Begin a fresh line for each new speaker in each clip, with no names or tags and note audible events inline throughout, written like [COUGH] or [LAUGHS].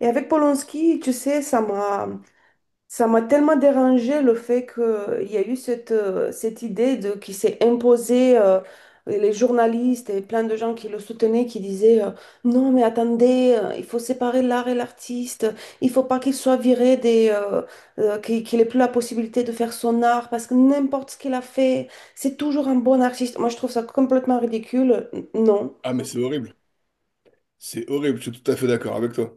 Et avec Polanski, tu sais, ça m'a tellement dérangé le fait qu'il y a eu cette, cette idée de, qui s'est imposée, les journalistes et plein de gens qui le soutenaient, qui disaient non, mais attendez, il faut séparer l'art et l'artiste, il faut pas qu'il soit viré des, qu'il ait plus la possibilité de faire son art parce que n'importe ce qu'il a fait, c'est toujours un bon artiste. Moi, je trouve ça complètement ridicule. Non.
Ah, mais c'est horrible. C'est horrible, je suis tout à fait d'accord avec toi.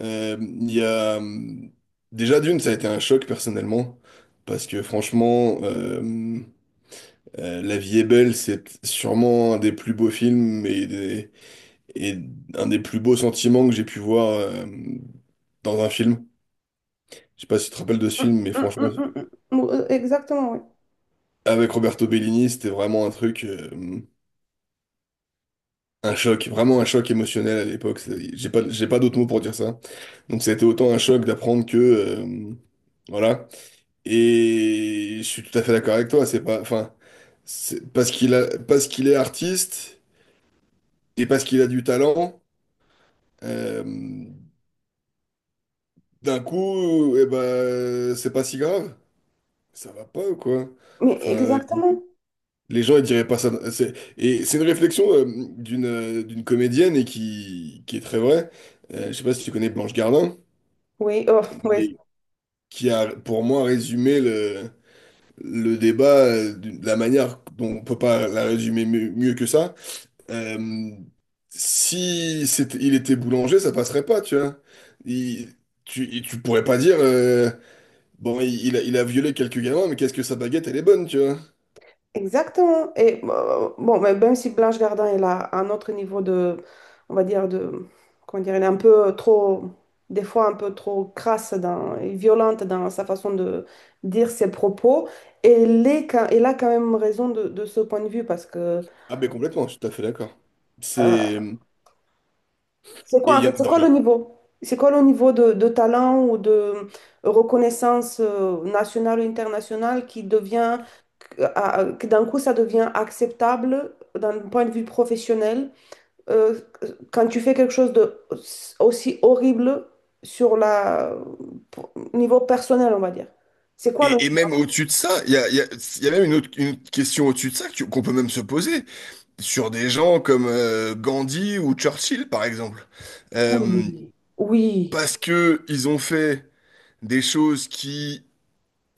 Euh, Il y a... hum, Déjà, d'une, ça a été un choc personnellement, parce que franchement, La vie est belle, c'est sûrement un des plus beaux films et, et un des plus beaux sentiments que j'ai pu voir dans un film. Je sais pas si tu te rappelles de ce
Mm,
film, mais
mm,
franchement,
mm, mm, mm. Exactement, oui.
avec Roberto Bellini, c'était vraiment un truc, un choc, vraiment un choc émotionnel à l'époque. J'ai pas d'autres mots pour dire ça. Donc ça a été autant un choc d'apprendre que voilà. Et je suis tout à fait d'accord avec toi. C'est pas, enfin, c'est parce qu'il est artiste et parce qu'il a du talent. euh, D'un coup, eh ben, c'est pas si grave. Ça va pas ou quoi?
Mais
Enfin,
exactement.
les gens ils diraient pas ça. Et c'est une réflexion d'une comédienne et qui est très vraie. Je sais pas si tu connais Blanche Gardin,
Oui, oh, oui,
mais qui a pour moi résumé le débat, de la manière dont on peut pas la résumer mieux que ça. Euh, si c'était, Il était boulanger, ça passerait pas, tu vois. Il- Tu pourrais pas dire, bon, il a violé quelques gamins, mais qu'est-ce que sa baguette, elle est bonne, tu vois.
exactement. Et bon, mais même si Blanche Gardin est là, un autre niveau de, on va dire, de, comment dire, elle est un peu trop, des fois un peu trop crasse dans, et violente dans sa façon de dire ses propos. Et elle est, elle a quand même raison de ce point de vue parce que
Ah, ben complètement, je suis tout à fait d'accord.
euh,
C'est.
c'est
Et,
quoi
il
en
y a-
fait, c'est
dans
quoi le
les-
niveau? C'est quoi le niveau de talent ou de reconnaissance nationale ou internationale qui devient que d'un coup ça devient acceptable d'un point de vue professionnel euh, quand tu fais quelque chose de aussi horrible sur la niveau personnel, on va dire. C'est quoi le...
et même au-dessus de ça, il y a, il y a- il y a même une autre question au-dessus de ça qu'on peut même se poser sur des gens comme Gandhi ou Churchill, par exemple.
Oui,
Euh,
oui.
Parce que ils ont fait des choses qui,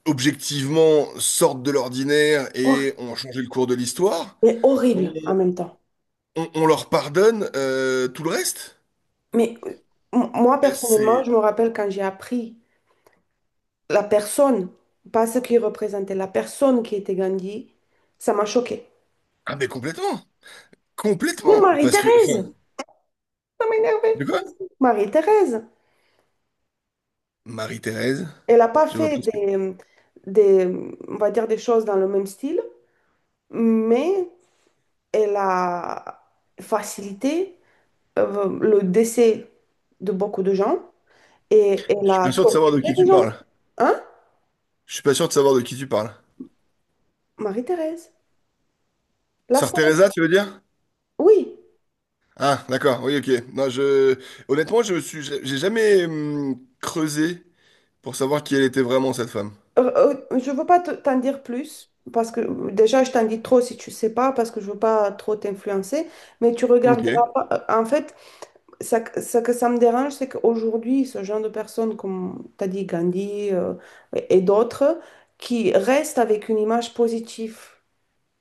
objectivement, sortent de l'ordinaire
Hor-
et ont changé le cours de l'histoire,
mais
on,
horrible en même temps.
on leur pardonne tout le reste?
Mais moi,
Et
personnellement,
C'est...
je me rappelle quand j'ai appris la personne, pas ce qu'il représentait, la personne qui était Gandhi, ça m'a choquée.
Ah mais complètement!
Mais
Complètement! Enfin,
Marie-Thérèse, ça m'énervait.
de quoi?
Marie-Thérèse.
Marie-Thérèse?
Elle n'a pas
Je vois
fait
pas ce que…
des, on va dire des choses dans le même style, mais elle a facilité le décès de beaucoup de gens et elle
Je suis pas
a
sûr de savoir
torturé
de qui
des
tu
gens.
parles.
Hein?
Je suis pas sûr de savoir de qui tu parles.
Marie-Thérèse, la
Sœur
scène.
Teresa, tu veux dire?
Oui.
Ah, d'accord, oui, ok. Non, je… Honnêtement, j'ai jamais creusé pour savoir qui elle était vraiment, cette femme.
Euh, je ne veux pas t'en dire plus parce que déjà je t'en dis trop si tu sais pas parce que je veux pas trop t'influencer, mais tu regarderas
Ok.
pas. En fait, ça, ce que ça me dérange, c'est qu'aujourd'hui, ce genre de personnes, comme tu as dit, Gandhi et d'autres, qui restent avec une image positive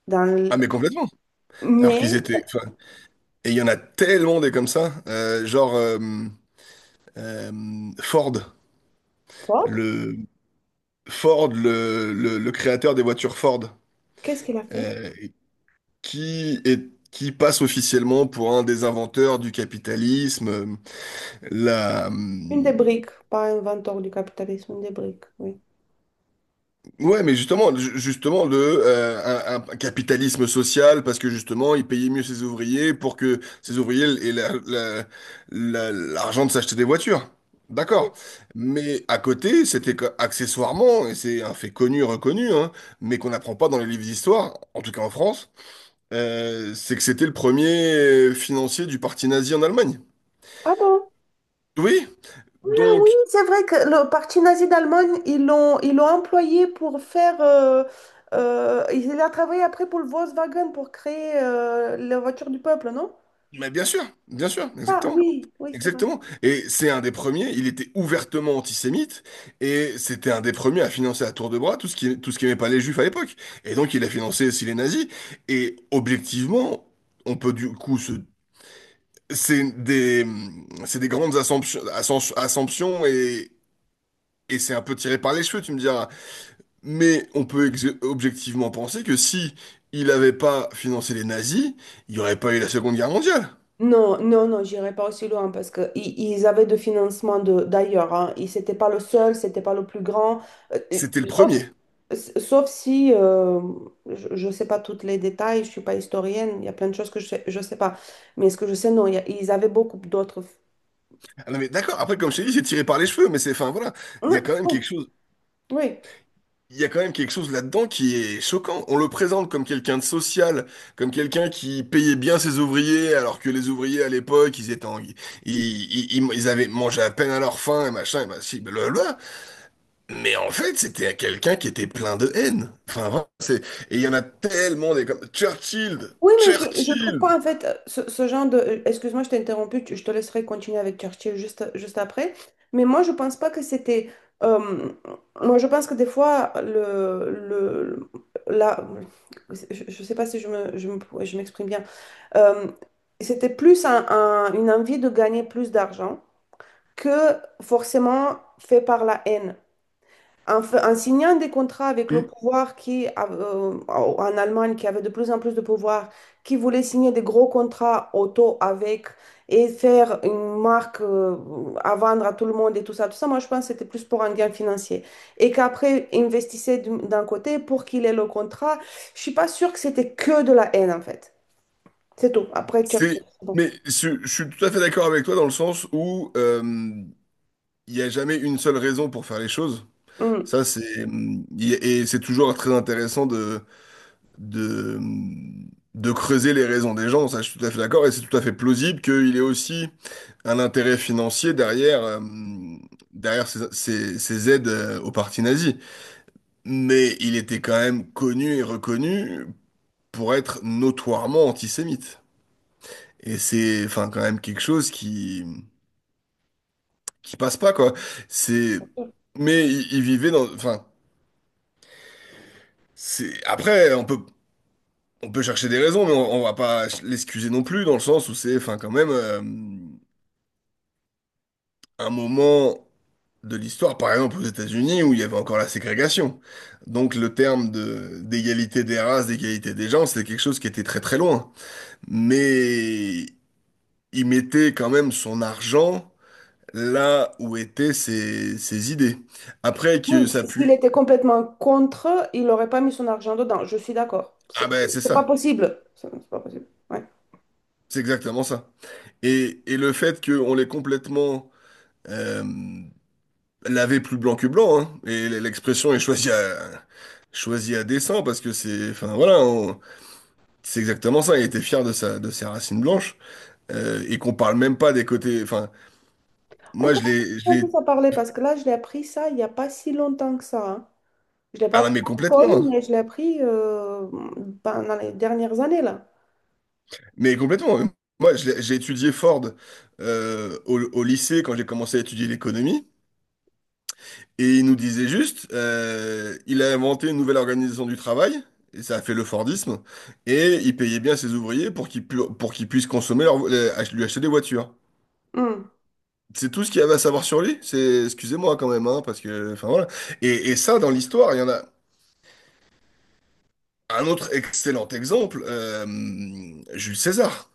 dans le-
Ah mais complètement. Alors qu'ils
Mais,
étaient. Enfin, et il y en a tellement des comme ça. Genre Ford,
Ford,
le le créateur des voitures Ford,
qu'est-ce qu'il a fait?
euh, qui est qui passe officiellement pour un des inventeurs du capitalisme. La, euh,
Une des briques, pas inventeur du capitalisme, une des briques, oui.
Ouais, mais justement, justement euh, un capitalisme social parce que justement il payait mieux ses ouvriers pour que ses ouvriers aient l'argent de s'acheter des voitures. D'accord. Mais à côté, c'était accessoirement, et c'est un fait connu, reconnu, hein, mais qu'on n'apprend pas dans les livres d'histoire, en tout cas en France, c'est que c'était le premier financier du parti nazi en Allemagne.
Ah bon?
Oui.
Ah oui,
Donc
c'est vrai que le parti nazi d'Allemagne, ils l'ont employé pour faire... il a travaillé après pour le Volkswagen pour créer la voiture du peuple, non?
Mais bien sûr,
Ah
exactement.
oui, oui, c'est vrai.
Exactement. Et c'est un des premiers, il était ouvertement antisémite, et c'était un des premiers à financer à tour de bras tout ce qu'aimaient pas les juifs à l'époque. Et donc il a financé aussi les nazis. Et objectivement, on peut du coup se… C'est des, c'est des grandes assumptions et c'est un peu tiré par les cheveux, tu me diras. Mais on peut objectivement penser que si il avait pas financé les nazis, il n'y aurait pas eu la Seconde Guerre mondiale.
Non, non, non, j'irai pas aussi loin parce que ils avaient de financement de d'ailleurs. Hein. Ils c'était pas le seul, c'était pas le plus grand. Euh, euh,
C'était le
sauf,
premier.
sauf si je ne sais pas tous les détails, je suis pas historienne. Il y a plein de choses que je sais pas. Mais ce que je sais, non, il y a- ils avaient beaucoup d'autres.
Ah non mais d'accord, après comme je t'ai dit, c'est tiré par les cheveux, mais c'est, enfin voilà, il y a
Non,
quand même quelque
oui,
chose,
oui.
il y a quand même quelque chose là-dedans qui est choquant. On le présente comme quelqu'un de social, comme quelqu'un qui payait bien ses ouvriers, alors que les ouvriers à l'époque, ils étaient en- ils- ils avaient mangé à peine à leur faim et machin, et si, blablabla. Mais en fait, c'était quelqu'un qui était plein de haine. Enfin vraiment, et il y en a tellement des comme Churchill,
Oui, mais je trouve
Churchill.
qu'en fait, ce, ce genre de... excuse-moi, je t'ai interrompu, je te laisserai continuer avec Churchill juste, juste après. Mais moi, je pense pas que c'était... euh, moi, je pense que des fois, le la, je sais pas si je me, je m'exprime bien. Euh, c'était plus une envie de gagner plus d'argent que forcément fait par la haine. En, en signant des contrats avec le
Hmm.
pouvoir qui, en Allemagne, qui avait de plus en plus de pouvoir, qui voulait signer des gros contrats auto avec et faire une marque à vendre à tout le monde et tout ça, moi je pense que c'était plus pour un gain financier. Et qu'après, investissait d'un côté pour qu'il ait le contrat. Je suis pas sûre que c'était que de la haine en fait. C'est tout. Après Churchill,
C'est,
c'est bon.
mais je suis tout à fait d'accord avec toi dans le sens où il n'y a jamais une seule raison pour faire les choses.
Mm.
Ça, et c'est toujours très intéressant de, hum, de creuser les raisons des gens. Ça, je suis tout à fait d'accord. Et c'est tout à fait plausible qu'il y ait aussi un intérêt financier derrière ces aides aux partis nazis. Mais il était quand même connu et reconnu pour être notoirement antisémite. Et c'est, enfin, quand même quelque chose qui passe pas, quoi. C'est, mais il vivait dans, Enfin, c'est après on peut chercher des raisons mais on va pas l'excuser non plus dans le sens où c'est enfin quand même un moment de l'histoire par exemple aux États-Unis où il y avait encore la ségrégation. Donc le terme de d'égalité des races, d'égalité des gens, c'est quelque chose qui était très très loin. Mais il mettait quand même son argent là où étaient ses idées. Après
Oui,
que ça
s'il
pue,
était complètement contre, il n'aurait pas mis son argent dedans. Je suis d'accord.
ah ben c'est
C'est pas
ça,
possible. C'est pas possible. Ouais.
c'est exactement ça. Et le fait qu'on l'ait complètement euh, laver plus blanc que blanc, hein. Et l'expression est choisie à dessein parce que c'est, enfin voilà, c'est exactement ça. Il était fier de ses racines blanches et qu'on parle même pas des côtés. Enfin,
On
moi
commence un peu à parler parce que là, je l'ai appris ça il n'y a pas si longtemps que ça. Hein. Je ne l'ai pas
ah non,
appris
mais
à
complètement,
l'école,
hein.
mais je l'ai appris ben, dans les dernières années, là.
Mais complètement. Moi, j'ai étudié Ford au lycée quand j'ai commencé à étudier l'économie. Et il nous disait juste, il a inventé une nouvelle organisation du travail, et ça a fait le Fordisme, et il payait bien ses ouvriers pour pour qu'ils puissent consommer lui acheter des voitures.
Hmm.
C'est tout ce qu'il y avait à savoir sur lui. Excusez-moi quand même, hein, parce que, enfin voilà. Et ça, dans l'histoire, il y en a un autre excellent exemple, Jules César.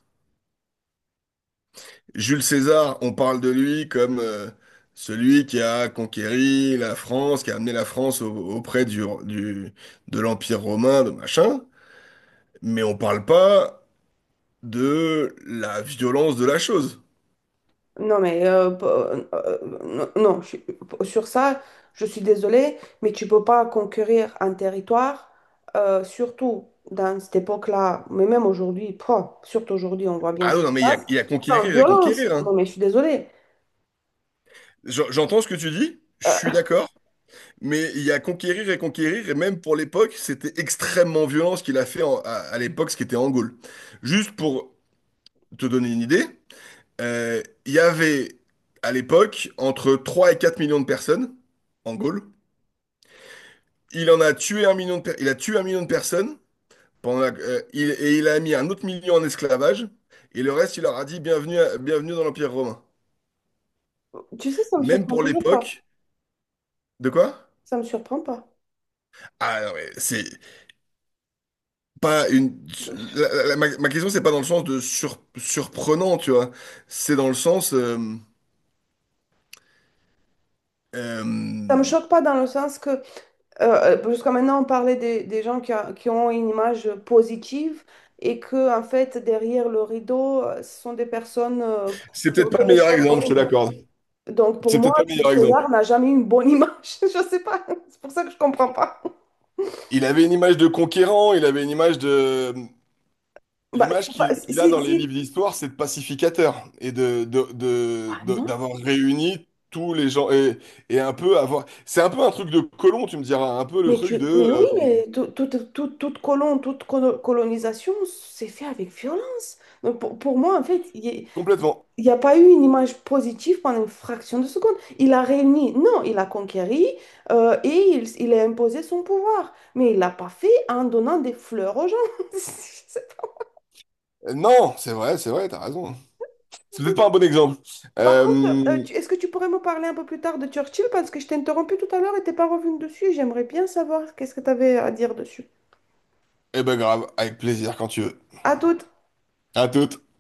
Jules César, on parle de lui comme celui qui a conquéri la France, qui a amené la France auprès de l'Empire romain, de machin. Mais on parle pas de la violence de la chose.
Non, mais non, non, sur ça, je suis désolée, mais tu peux pas conquérir un territoire, surtout dans cette époque-là, mais même aujourd'hui, pouah, surtout aujourd'hui, on voit bien
Ah
ce
non,
qui
non,
se
mais
passe,
il y a
sans
conquérir et
violence.
conquérir,
Non,
hein.
mais je suis désolée.
J'entends ce que tu dis, je
Euh,
suis d'accord, mais il y a conquérir et conquérir, et même pour l'époque, c'était extrêmement violent ce qu'il a fait à l'époque, ce qui était en Gaule. Juste pour te donner une idée, il y avait à l'époque entre 3 et 4 millions de personnes en Gaule. Il a tué 1 million de personnes. Et il a mis un autre million en esclavage, et le reste, il leur a dit bienvenue, bienvenue dans l'Empire romain.
tu sais, ça me
Même
surprend
pour
toujours pas.
l'époque, de quoi?
Ça me surprend pas.
Ah non, mais c'est pas une. La- la- la- ma question, c'est pas dans le sens de surprenant, tu vois. C'est dans le sens.
Ça me
Euh,
choque pas dans le sens que jusqu'à maintenant, on parlait des gens qui, qui ont une image positive et que, en fait, derrière le rideau, ce sont des personnes
c'est
qui
peut-être
ont
pas
fait
le
des
meilleur
choses
exemple, je te
horribles.
l'accorde.
Donc, pour
C'est
moi,
peut-être pas le
Jules
meilleur exemple.
César n'a jamais eu une bonne image. [LAUGHS] Je ne sais pas. C'est pour ça que je ne comprends pas.
Il avait une image de conquérant, il avait une image de,
Bah,
l'image
tu vois,
qu'il qu'il a dans les livres d'histoire, c'est de pacificateur et
ah non,
d'avoir réuni tous les gens et un peu avoir. C'est un peu un truc de colon, tu me diras, un peu le
mais,
truc de
mais oui,
euh,
mais toute toute colonisation, c'est fait avec violence. Donc, pour moi, en fait, il y a-
complètement.
il n'y a pas eu une image positive pendant une fraction de seconde. Il a réuni, non, il a conquéri et il a imposé son pouvoir. Mais il l'a pas fait en donnant des fleurs aux gens. [LAUGHS] C'est-
Non, c'est vrai, t'as raison, hein.
pas
C'est peut-être pas un
possible.
bon exemple.
Par contre,
Euh,
est-ce que tu pourrais me parler un peu plus tard de Churchill? Parce que je t'ai interrompu tout à l'heure et t'es pas revenu dessus. J'aimerais bien savoir qu'est-ce que tu avais à dire dessus.
eh ben grave, avec plaisir quand tu veux.
À toute.
À toute.